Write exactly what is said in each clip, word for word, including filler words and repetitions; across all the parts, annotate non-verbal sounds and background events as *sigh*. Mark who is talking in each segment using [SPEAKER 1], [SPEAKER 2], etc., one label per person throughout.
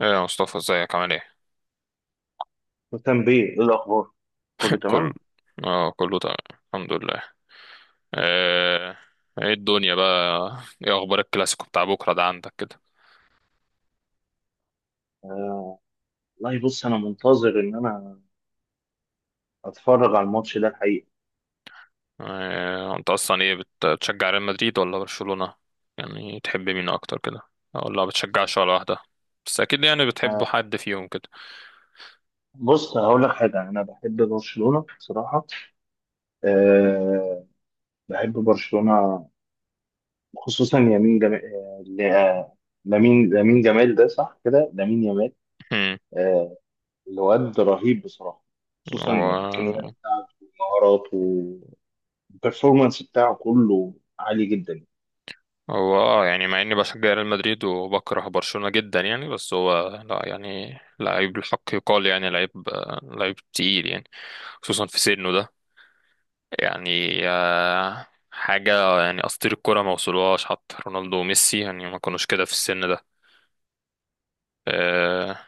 [SPEAKER 1] ايه يا مصطفى ازيك عامل ايه؟
[SPEAKER 2] مهتم بيه ايه الاخبار؟ كله
[SPEAKER 1] *laughs* كل
[SPEAKER 2] تمام.
[SPEAKER 1] اه، كله تمام، الحمد لله. آه، ايه الدنيا بقى؟ ايه اخبار الكلاسيكو بتاع بكره ده عندك كده؟
[SPEAKER 2] آه، والله، بص، انا منتظر ان انا اتفرج على الماتش ده الحقيقه.
[SPEAKER 1] آه، انت اصلا ايه بت- بتشجع ريال مدريد ولا برشلونة؟ يعني تحب مين اكتر كده؟ ولا ما بتشجعش ولا واحدة؟ بس اكيد يعني بتحب
[SPEAKER 2] آه،
[SPEAKER 1] حد فيهم كده.
[SPEAKER 2] بص، هقول لك حاجه، انا بحب برشلونه بصراحه. آه، بحب برشلونه. خصوصا يمين جمال، آه ل- آه، لامين لامين جمال، ده صح كده، لامين يامال.
[SPEAKER 1] هم،
[SPEAKER 2] آه، الواد رهيب بصراحه،
[SPEAKER 1] *laughs*
[SPEAKER 2] خصوصا الامكانيات
[SPEAKER 1] هو
[SPEAKER 2] بتاعته ومهاراته، والبرفورمانس بتاعه كله عالي جدا.
[SPEAKER 1] هو اه، يعني مع اني بشجع ريال مدريد وبكره برشلونة جدا يعني، بس هو لا يعني لعيب الحق يقال، يعني لعيب، آه، لعيب تقيل يعني. خصوصا في سنه ده، يعني آه، حاجة يعني أساطير الكرة ما وصلوهاش، حتى رونالدو وميسي يعني ما كانوش كده في السن ده. آه،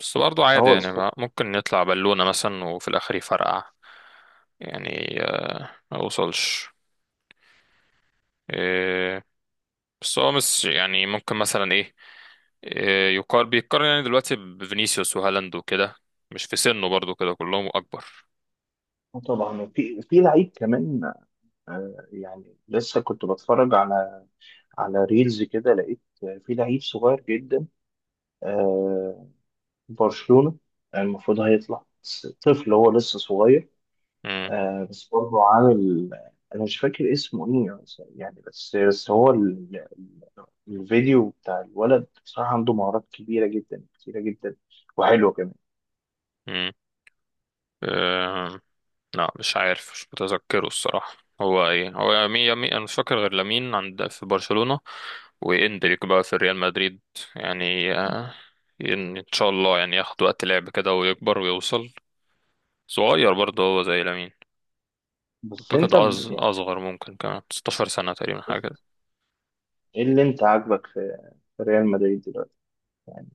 [SPEAKER 1] بس برضو عادي
[SPEAKER 2] هو
[SPEAKER 1] يعني،
[SPEAKER 2] اسطوره.
[SPEAKER 1] ما- ممكن نطلع بالونة مثلا وفي الآخر يفرقع. يعني آه، ما وصلش. آه، بس هو مش يعني ممكن مثلا إيه، آه، يقارن بيتقارن يعني دلوقتي بفينيسيوس وهالاند وكده، مش في سنه، برضو كده كلهم أكبر.
[SPEAKER 2] طبعا. وفي في لعيب كمان، آه، يعني لسه كنت بتفرج على على ريلز كده، لقيت في لعيب صغير جدا، آه، برشلونة، المفروض هيطلع، بس طفل، هو لسه صغير.
[SPEAKER 1] مم.
[SPEAKER 2] آه، بس برضه عامل. انا مش فاكر اسمه ايه يعني. بس بس هو ال- ال- الفيديو بتاع الولد بصراحة، عنده مهارات كبيرة جدا، كتيرة جدا، وحلوة كمان.
[SPEAKER 1] مم. آه، لا مش عارف، مش متذكره الصراحة. هو ايه؟ هو يمين، يمين انا مش فاكر غير لامين عند في برشلونة، واندريك بقى في ريال مدريد. يعني آه، ان إن شاء الله يعني ياخد وقت لعب كده ويكبر ويوصل. صغير برضه هو زي لامين،
[SPEAKER 2] بس
[SPEAKER 1] اعتقد
[SPEAKER 2] انت ب-
[SPEAKER 1] أص-
[SPEAKER 2] يعني،
[SPEAKER 1] اصغر، ممكن كمان ستاشر سنة تقريبا حاجة كده.
[SPEAKER 2] ايه اللي انت عاجبك في في ريال مدريد دلوقتي؟ يعني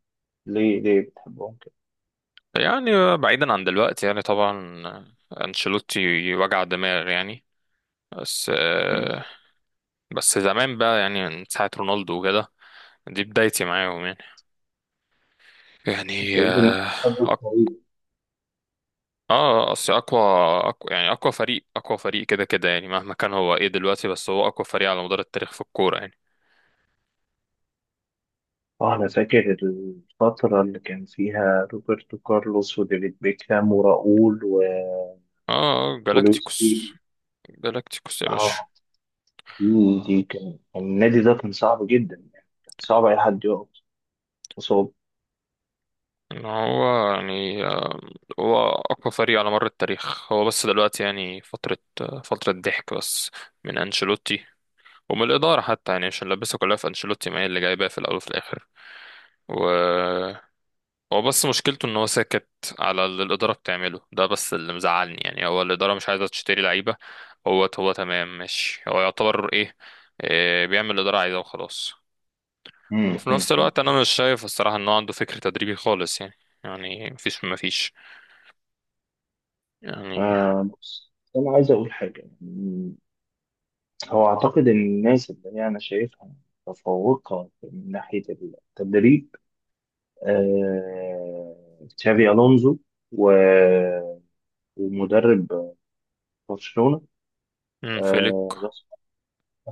[SPEAKER 2] ليه ليه بتحبهم كده؟
[SPEAKER 1] يعني بعيدا عن دلوقتي يعني، طبعا آه، انشيلوتي وجع دماغ يعني، بس آه، بس زمان بقى يعني، من ساعة رونالدو وكده دي بدايتي معاهم يعني. يعني
[SPEAKER 2] ابتديت إن-
[SPEAKER 1] اه أق- آه، اصل اقوى، أقوى يعني اقوى فريق، اقوى فريق كده كده يعني مهما كان هو ايه دلوقتي، بس هو اقوى فريق على مدار التاريخ في الكورة يعني.
[SPEAKER 2] اه، انا فاكر الفترة اللي كان فيها روبرتو كارلوس وديفيد بيكهام وراؤول و...
[SPEAKER 1] اه
[SPEAKER 2] ولويس فيجو.
[SPEAKER 1] جالاكتيكوس. جالاكتيكوس يا باشا.
[SPEAKER 2] اه، دي دي كان كان النادي ده كان صعب جدا، يعني كان صعب اي حد يقف قصاد.
[SPEAKER 1] ان هو يعني هو اقوى فريق على مر التاريخ، هو بس دلوقتي يعني فترة، فترة ضحك بس، من انشيلوتي ومن الإدارة حتى، يعني عشان لبسها كلها في انشيلوتي، ما هي اللي جايباه في الاول وفي الاخر. و هو بس مشكلته ان هو ساكت على اللي الاداره بتعمله ده، بس اللي مزعلني يعني هو الاداره مش عايزه تشتري لعيبه. هو هو تمام ماشي، هو يعتبر ايه، إيه بيعمل اللي الاداره عايزاه وخلاص.
[SPEAKER 2] مم،
[SPEAKER 1] وفي
[SPEAKER 2] مم،
[SPEAKER 1] نفس الوقت
[SPEAKER 2] مم.
[SPEAKER 1] انا مش شايف الصراحه ان هو عنده فكر تدريبي خالص يعني. يعني مفيش مفيش يعني.
[SPEAKER 2] آه، بص، انا عايز اقول حاجة يعني، هو اعتقد ان الناس اللي هي انا شايفها متفوقة من ناحية التدريب، آه، تشافي، الونزو، و... ومدرب برشلونة،
[SPEAKER 1] مم. فيليك.
[SPEAKER 2] آه، بس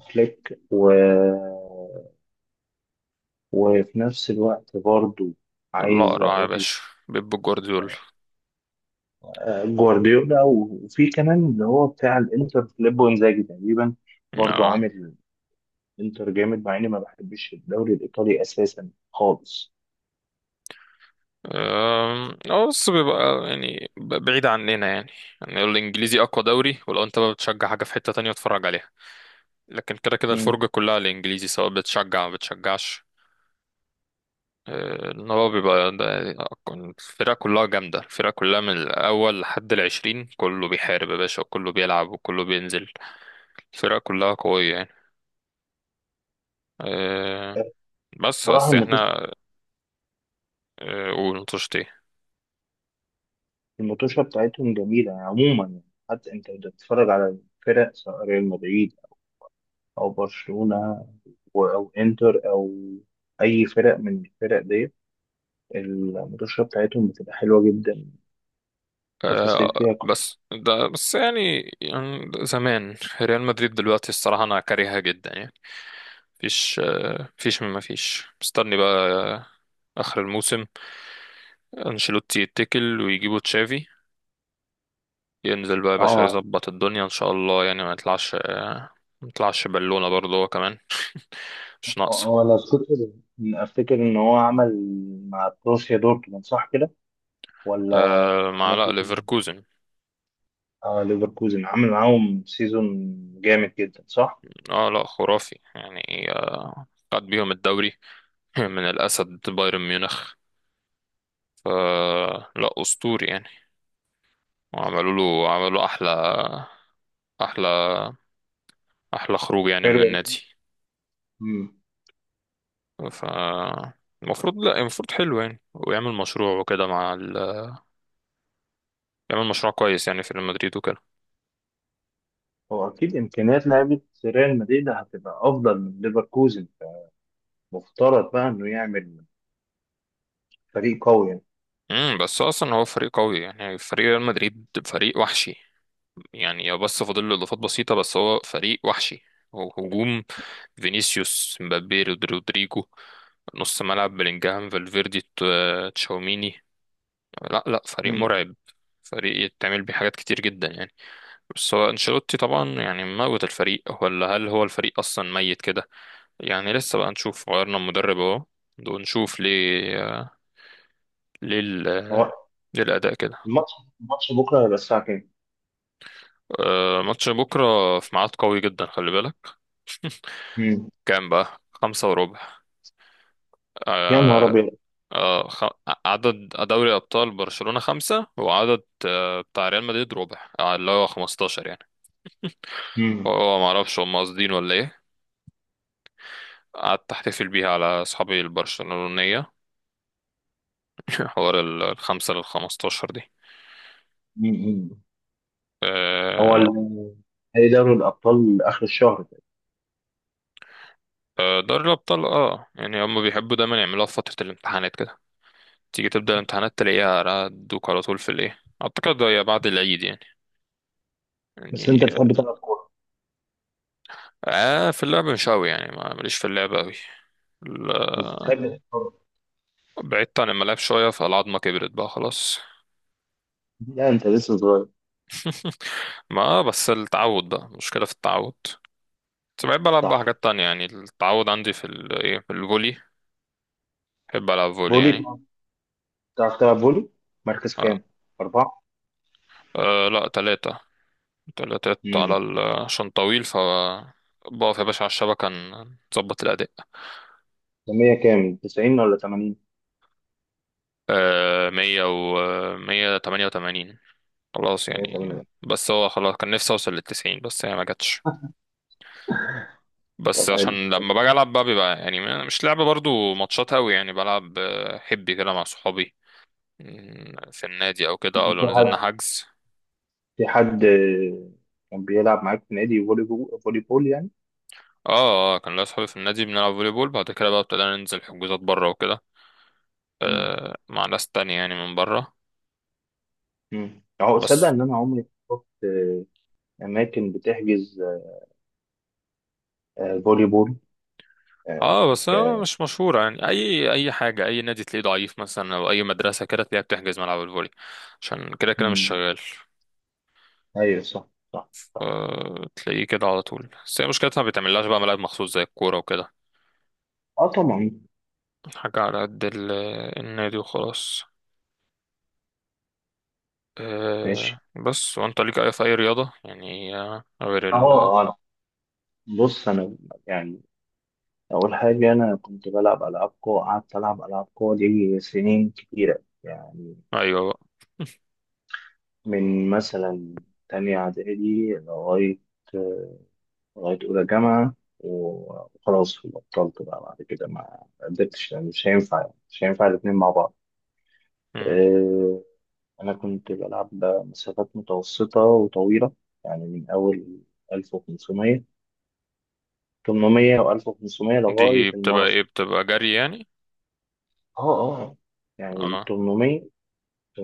[SPEAKER 2] فليك، و... وفي نفس الوقت برضو عايز
[SPEAKER 1] الاقرع يا
[SPEAKER 2] أقول،
[SPEAKER 1] باشا، بيب جوارديولا.
[SPEAKER 2] آه، جوارديولا. وفي كمان اللي هو بتاع الإنتر، فيليبو إنزاجي تقريبا، برضو
[SPEAKER 1] اه.
[SPEAKER 2] عامل إنتر جامد، مع إني ما بحبش الدوري الإيطالي أساسا خالص.
[SPEAKER 1] أم، اه بس بيبقى يعني ب- بعيد عننا يعني. يعني الانجليزي اقوى دوري، ولو انت بقى بتشجع حاجه في حته تانية اتفرج عليها، لكن كده كده
[SPEAKER 2] مم.
[SPEAKER 1] الفرجة كلها على الإنجليزي، سواء بتشجع أو بتشجعش. آه، إن هو بيبقى ده الفرقة كلها جامدة، الفرقة كلها من الأول لحد العشرين كله بيحارب يا باشا، وكله بيلعب، وكله بينزل، الفرقة كلها قوية يعني. آه،
[SPEAKER 2] آه،
[SPEAKER 1] بس
[SPEAKER 2] بصراحة،
[SPEAKER 1] بس
[SPEAKER 2] المطوشة
[SPEAKER 1] احنا آه، قول نطشت ايه.
[SPEAKER 2] المطوشة بتاعتهم جميلة يعني، عموما يعني حتى أنت لو بتتفرج على الفرق، سواء ريال مدريد أو برشلونة أو أو إنتر، أو أي فرق من الفرق ديت، المدوشة بتاعتهم بتبقى حلوة جدا، تفاصيل
[SPEAKER 1] آه،
[SPEAKER 2] فيها كت-
[SPEAKER 1] بس ده بس يعني، يعني زمان ريال مدريد، دلوقتي الصراحة أنا كارهها جدا يعني. مفيش آه، مفيش مما فيش، مستني بقى آه، آخر الموسم، انشيلوتي يتكل ويجيبوا تشافي، ينزل بقى يا باشا
[SPEAKER 2] اه.
[SPEAKER 1] يظبط الدنيا ان شاء الله. يعني ما يطلعش آه، ما يطلعش بالونة برضه هو كمان. *laughs* مش ناقصة.
[SPEAKER 2] هو لو تفتكر، افتكر ان هو عمل مع بروسيا دورتموند، صح كده؟ ولا
[SPEAKER 1] آه،
[SPEAKER 2] مع
[SPEAKER 1] مع لا
[SPEAKER 2] نادي تاني؟
[SPEAKER 1] ليفركوزن.
[SPEAKER 2] اه، ليفركوزن، عمل معاهم سيزون جامد جدا، صح.
[SPEAKER 1] اه لا خرافي يعني، آه، خد بيهم الدوري *laughs* من الأسد بايرن ميونخ. آه لا أسطوري يعني، وعملوا له، عملوا أحلى أحلى أحلى خروج يعني
[SPEAKER 2] حلو.
[SPEAKER 1] من النادي.
[SPEAKER 2] امم.
[SPEAKER 1] ف المفروض لا، المفروض حلو يعني ويعمل مشروع وكده مع ال... يعمل مشروع كويس يعني في ريال مدريد وكده.
[SPEAKER 2] هو اكيد امكانيات لعيبه ريال مدريد هتبقى افضل من ليفركوزن، فمفترض بقى انه يعمل فريق قوي يعني.
[SPEAKER 1] امم، بس اصلا هو فريق قوي يعني، فريق ريال مدريد فريق وحشي يعني، بس فاضل له اضافات بسيطه، بس هو فريق وحشي. هو هجوم فينيسيوس، مبابي، رود- رودريجو، نص ملعب بلينجهام، فالفيردي، ت- تشاوميني. لا لا فريق
[SPEAKER 2] امم
[SPEAKER 1] مرعب، فريق يتعمل بيه حاجات كتير جدا يعني. بس هو انشيلوتي طبعا يعني موت الفريق، ولا هل هو الفريق اصلا ميت كده؟ يعني لسه بقى نشوف، غيرنا المدرب اهو ونشوف ليه، ليه ال-
[SPEAKER 2] هو
[SPEAKER 1] ليه الاداء كده.
[SPEAKER 2] الماتش الماتش بكره هيبقى الساعه كام؟
[SPEAKER 1] آه، ماتش بكرة في ميعاد قوي جدا، خلي بالك. *laughs*
[SPEAKER 2] امم
[SPEAKER 1] كام بقى؟ خمسة وربع.
[SPEAKER 2] يا نهار
[SPEAKER 1] آه.
[SPEAKER 2] ابيض.
[SPEAKER 1] آه، خ... عدد دوري أبطال برشلونة خمسة، وعدد آه، بتاع ريال مدريد ربع آه، اللي هو خمستاشر يعني.
[SPEAKER 2] امم
[SPEAKER 1] هو ما أعرفش هم قاصدين ولا إيه. قعدت أحتفل بيها على أصحابي البرشلونية. *laughs* حوار ال- الخمسة للخمستاشر دي.
[SPEAKER 2] امم هو
[SPEAKER 1] آه.
[SPEAKER 2] ال- نهائي دوري الأبطال آخر الشهر ده.
[SPEAKER 1] آه، دوري الأبطال اه، يعني هم بيحبوا دايما يعملوها في فترة الامتحانات كده، تيجي تبدأ الامتحانات تلاقيها دوك على طول في الإيه. أعتقد هي بعد العيد يعني.
[SPEAKER 2] بس
[SPEAKER 1] يعني
[SPEAKER 2] أنت بتحب تلعب كورة؟
[SPEAKER 1] آه في اللعب مش أوي يعني، ما- ماليش في اللعب أوي،
[SPEAKER 2] بس
[SPEAKER 1] ال-
[SPEAKER 2] بتحب تتفرج؟
[SPEAKER 1] بعدت عن الملاعب شوية، فالعظمة كبرت بقى خلاص.
[SPEAKER 2] لا، أنت لسه صغير.
[SPEAKER 1] *laughs* ما بس التعود بقى، مشكلة في التعود، بس بحب ألعب بقى
[SPEAKER 2] صح.
[SPEAKER 1] حاجات تانية يعني. التعود عندي في ال إيه، في الفولي، بحب ألعب فولي
[SPEAKER 2] فولي.
[SPEAKER 1] يعني.
[SPEAKER 2] بتعرف بتعرف تلعب فولي؟ مركز
[SPEAKER 1] آه.
[SPEAKER 2] كام؟ أربعة؟
[SPEAKER 1] آه لا، تلاتة، تلاتات على
[SPEAKER 2] امم
[SPEAKER 1] ال عشان طويل ف، بقف يا باشا على الشبكة ن- نظبط الأداء.
[SPEAKER 2] مية كام؟ تسعين ولا تمانين؟
[SPEAKER 1] آه، مية و مية تمانية وتمانين، خلاص يعني.
[SPEAKER 2] مية وتمانين.
[SPEAKER 1] بس هو خلاص كان نفسي اوصل للتسعين بس هي ما جاتش.
[SPEAKER 2] طب،
[SPEAKER 1] بس
[SPEAKER 2] حلو
[SPEAKER 1] عشان
[SPEAKER 2] حلو.
[SPEAKER 1] لما باجي العب بقى بيبقى يعني مش لعب برضو ماتشات قوي يعني، بلعب آه، حبي كده مع صحابي. مم، في النادي او كده، او
[SPEAKER 2] في
[SPEAKER 1] لو
[SPEAKER 2] حد
[SPEAKER 1] نزلنا حجز.
[SPEAKER 2] في حد آه، كان بيلعب معاك في نادي فولي بو- فولي بول يعني؟
[SPEAKER 1] اه اه، كان ليا صحابي في النادي بنلعب فولي بول، بعد كده بقى ابتدينا ننزل حجوزات بره وكده،
[SPEAKER 2] امم
[SPEAKER 1] آه، مع ناس تانية يعني من بره.
[SPEAKER 2] امم أهو. تصدق
[SPEAKER 1] بس
[SPEAKER 2] إن أنا عمري ما شفت آه، أماكن بتحجز آه، فولي بول آه،
[SPEAKER 1] اه، بس
[SPEAKER 2] ك
[SPEAKER 1] هو مش مشهورة يعني، اي اي حاجة، اي نادي تلاقيه ضعيف مثلا، او اي مدرسة كده تلاقيها بتحجز ملعب الفولي، عشان كده كده مش
[SPEAKER 2] مم.
[SPEAKER 1] شغال.
[SPEAKER 2] أيوه، صح، صح.
[SPEAKER 1] آه، تلاقيه كده على طول، بس هي مشكلتها ما بيتعملهاش بقى ملاعب مخصوص زي الكورة وكده،
[SPEAKER 2] اه طبعا.
[SPEAKER 1] حاجة على قد ال- النادي وخلاص. أه،
[SPEAKER 2] ماشي.
[SPEAKER 1] بس وانت ليك أي في أي رياضة يعني آه، غير ال.
[SPEAKER 2] اه، انا بص انا يعني اول حاجه انا كنت بلعب العاب قوى، قعدت العب العاب قوى دي سنين كتيره يعني،
[SPEAKER 1] أيوة بقى.
[SPEAKER 2] من مثلا تانية اعدادي لغايه لغايه اولى جامعه، وخلاص بطلت بقى بعد كده، ما قدرتش، لأن مش هينفع يعني، مش هينفع الاتنين مع بعض.
[SPEAKER 1] مم.
[SPEAKER 2] آه، انا كنت بلعب مسافات متوسطه وطويله يعني، من اول ألف وخمسمية، تمنمية و ألف وخمسمية لغاية
[SPEAKER 1] دي بتبقى ايه؟
[SPEAKER 2] الماراثون.
[SPEAKER 1] بتبقى جري يعني.
[SPEAKER 2] اه. اه. يعني ال
[SPEAKER 1] اه
[SPEAKER 2] تمنمية،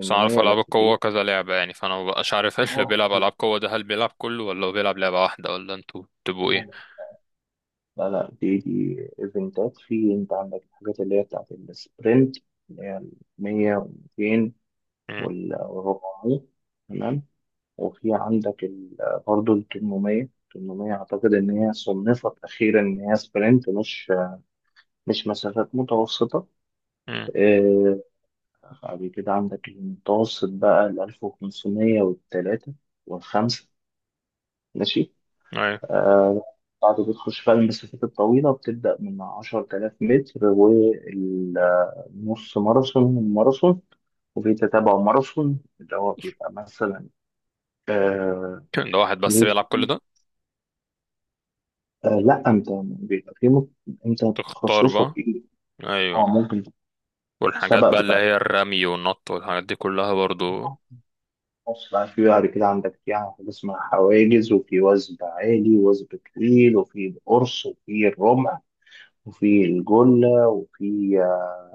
[SPEAKER 1] بس أنا أعرف ألعاب
[SPEAKER 2] لفت
[SPEAKER 1] القوة
[SPEAKER 2] ايه؟
[SPEAKER 1] كذا لعبة يعني، فأنا مبقاش عارف *laughs* اللي
[SPEAKER 2] اه،
[SPEAKER 1] بيلعب ألعاب قوة ده هل بيلعب كله ولا هو بيلعب لعبة واحدة، ولا انتوا
[SPEAKER 2] لا،
[SPEAKER 1] بتبقوا ايه؟
[SPEAKER 2] لا. لا، لا، دي دي ايفنتات. في انت عندك الحاجات اللي هي بتاعت السبرنت، اللي هي ال مية و ميتين
[SPEAKER 1] مم.
[SPEAKER 2] وال أربعمية، تمام. وفي عندك ال- برضه ال تمنمية، تمنمية اعتقد ان هي صنفت اخيرا ان هي سبرنت، مش مش مسافات متوسطه.
[SPEAKER 1] مم.
[SPEAKER 2] آه، بعد كده عندك المتوسط بقى، ال ألف وخمسمية والثلاثه والخمسه، ماشي.
[SPEAKER 1] أيوة.
[SPEAKER 2] آه، بعد بتخش بقى المسافات الطويلة، بتبدأ من عشرتلاف متر، والنص ماراثون والماراثون، وفي تتابع ماراثون اللي هو بيبقى مثلا آه
[SPEAKER 1] *laughs* ده واحد بس
[SPEAKER 2] مية.
[SPEAKER 1] بيلعب كل ده؟
[SPEAKER 2] آه لا، انت بيبقى في مت... انت
[SPEAKER 1] تختار
[SPEAKER 2] تخصصك
[SPEAKER 1] بقى.
[SPEAKER 2] ايه؟ اه
[SPEAKER 1] أيوة.
[SPEAKER 2] ممكن.
[SPEAKER 1] والحاجات
[SPEAKER 2] السبق
[SPEAKER 1] بقى اللي
[SPEAKER 2] بتاع
[SPEAKER 1] هي الرمي والنط والحاجات دي كلها برضو.
[SPEAKER 2] النص بقى، في بعد كده عندك يعني، في حاجة اسمها حواجز، وفي وثب عالي، وثب طويل، وفي القرص، وفي الرمح، وفي الجلة، وفي آه،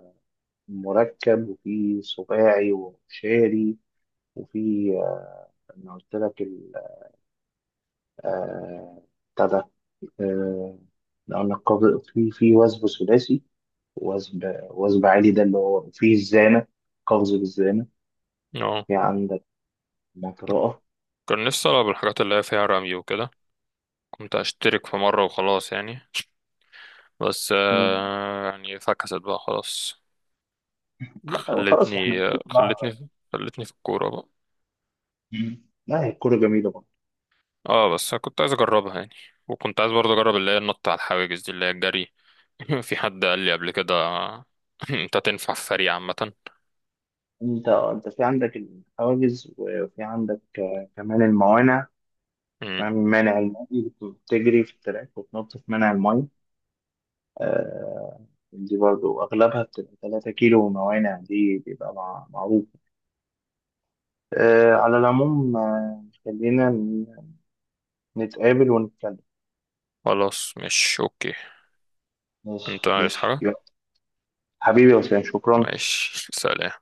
[SPEAKER 2] مركب، وفي سباعي، وشاري، وفي آه، انا قلت لك ال- آه، بتاع ده، آه، قلنا القبض، في في وثب ثلاثي، وثب وثب عالي ده اللي هو، وفي الزانة، قفز بالزانة.
[SPEAKER 1] اه
[SPEAKER 2] في عندك مطرقة.
[SPEAKER 1] كان نفسي ألعب الحاجات اللي هي فيها رمي وكده، كنت أشترك في مرة وخلاص يعني، بس
[SPEAKER 2] مم.
[SPEAKER 1] آه، يعني فكست بقى خلاص.
[SPEAKER 2] لا، خلاص
[SPEAKER 1] خلتني
[SPEAKER 2] احنا بقى-
[SPEAKER 1] خلتني خلتني في الكورة بقى.
[SPEAKER 2] مم. لا، هي الكورة جميلة برضه.
[SPEAKER 1] اه بس أنا كنت عايز أجربها يعني، وكنت عايز برضه أجرب اللي هي النط على الحواجز دي، اللي هي الجري. *laughs* في حد قال لي قبل كده *laughs* أنت تنفع في فريق عامة.
[SPEAKER 2] انت انت في عندك الحواجز، وفي عندك آه، كمان الموانع،
[SPEAKER 1] مم.
[SPEAKER 2] كمان مانع الماء، بتجري في التراك وتنط في مانع الماء. آه، دي برضو أغلبها بتبقى تلاتة كيلو موانع، دي بيبقى مع- معروف. آه، على العموم، آه، خلينا ن- نتقابل ونتكلم.
[SPEAKER 1] خلاص مش أوكي.
[SPEAKER 2] ماشي،
[SPEAKER 1] أنت عايز
[SPEAKER 2] ماشي،
[SPEAKER 1] حاجة؟
[SPEAKER 2] يلا. حبيبي يا وسام، شكرا.
[SPEAKER 1] ماشي سلام.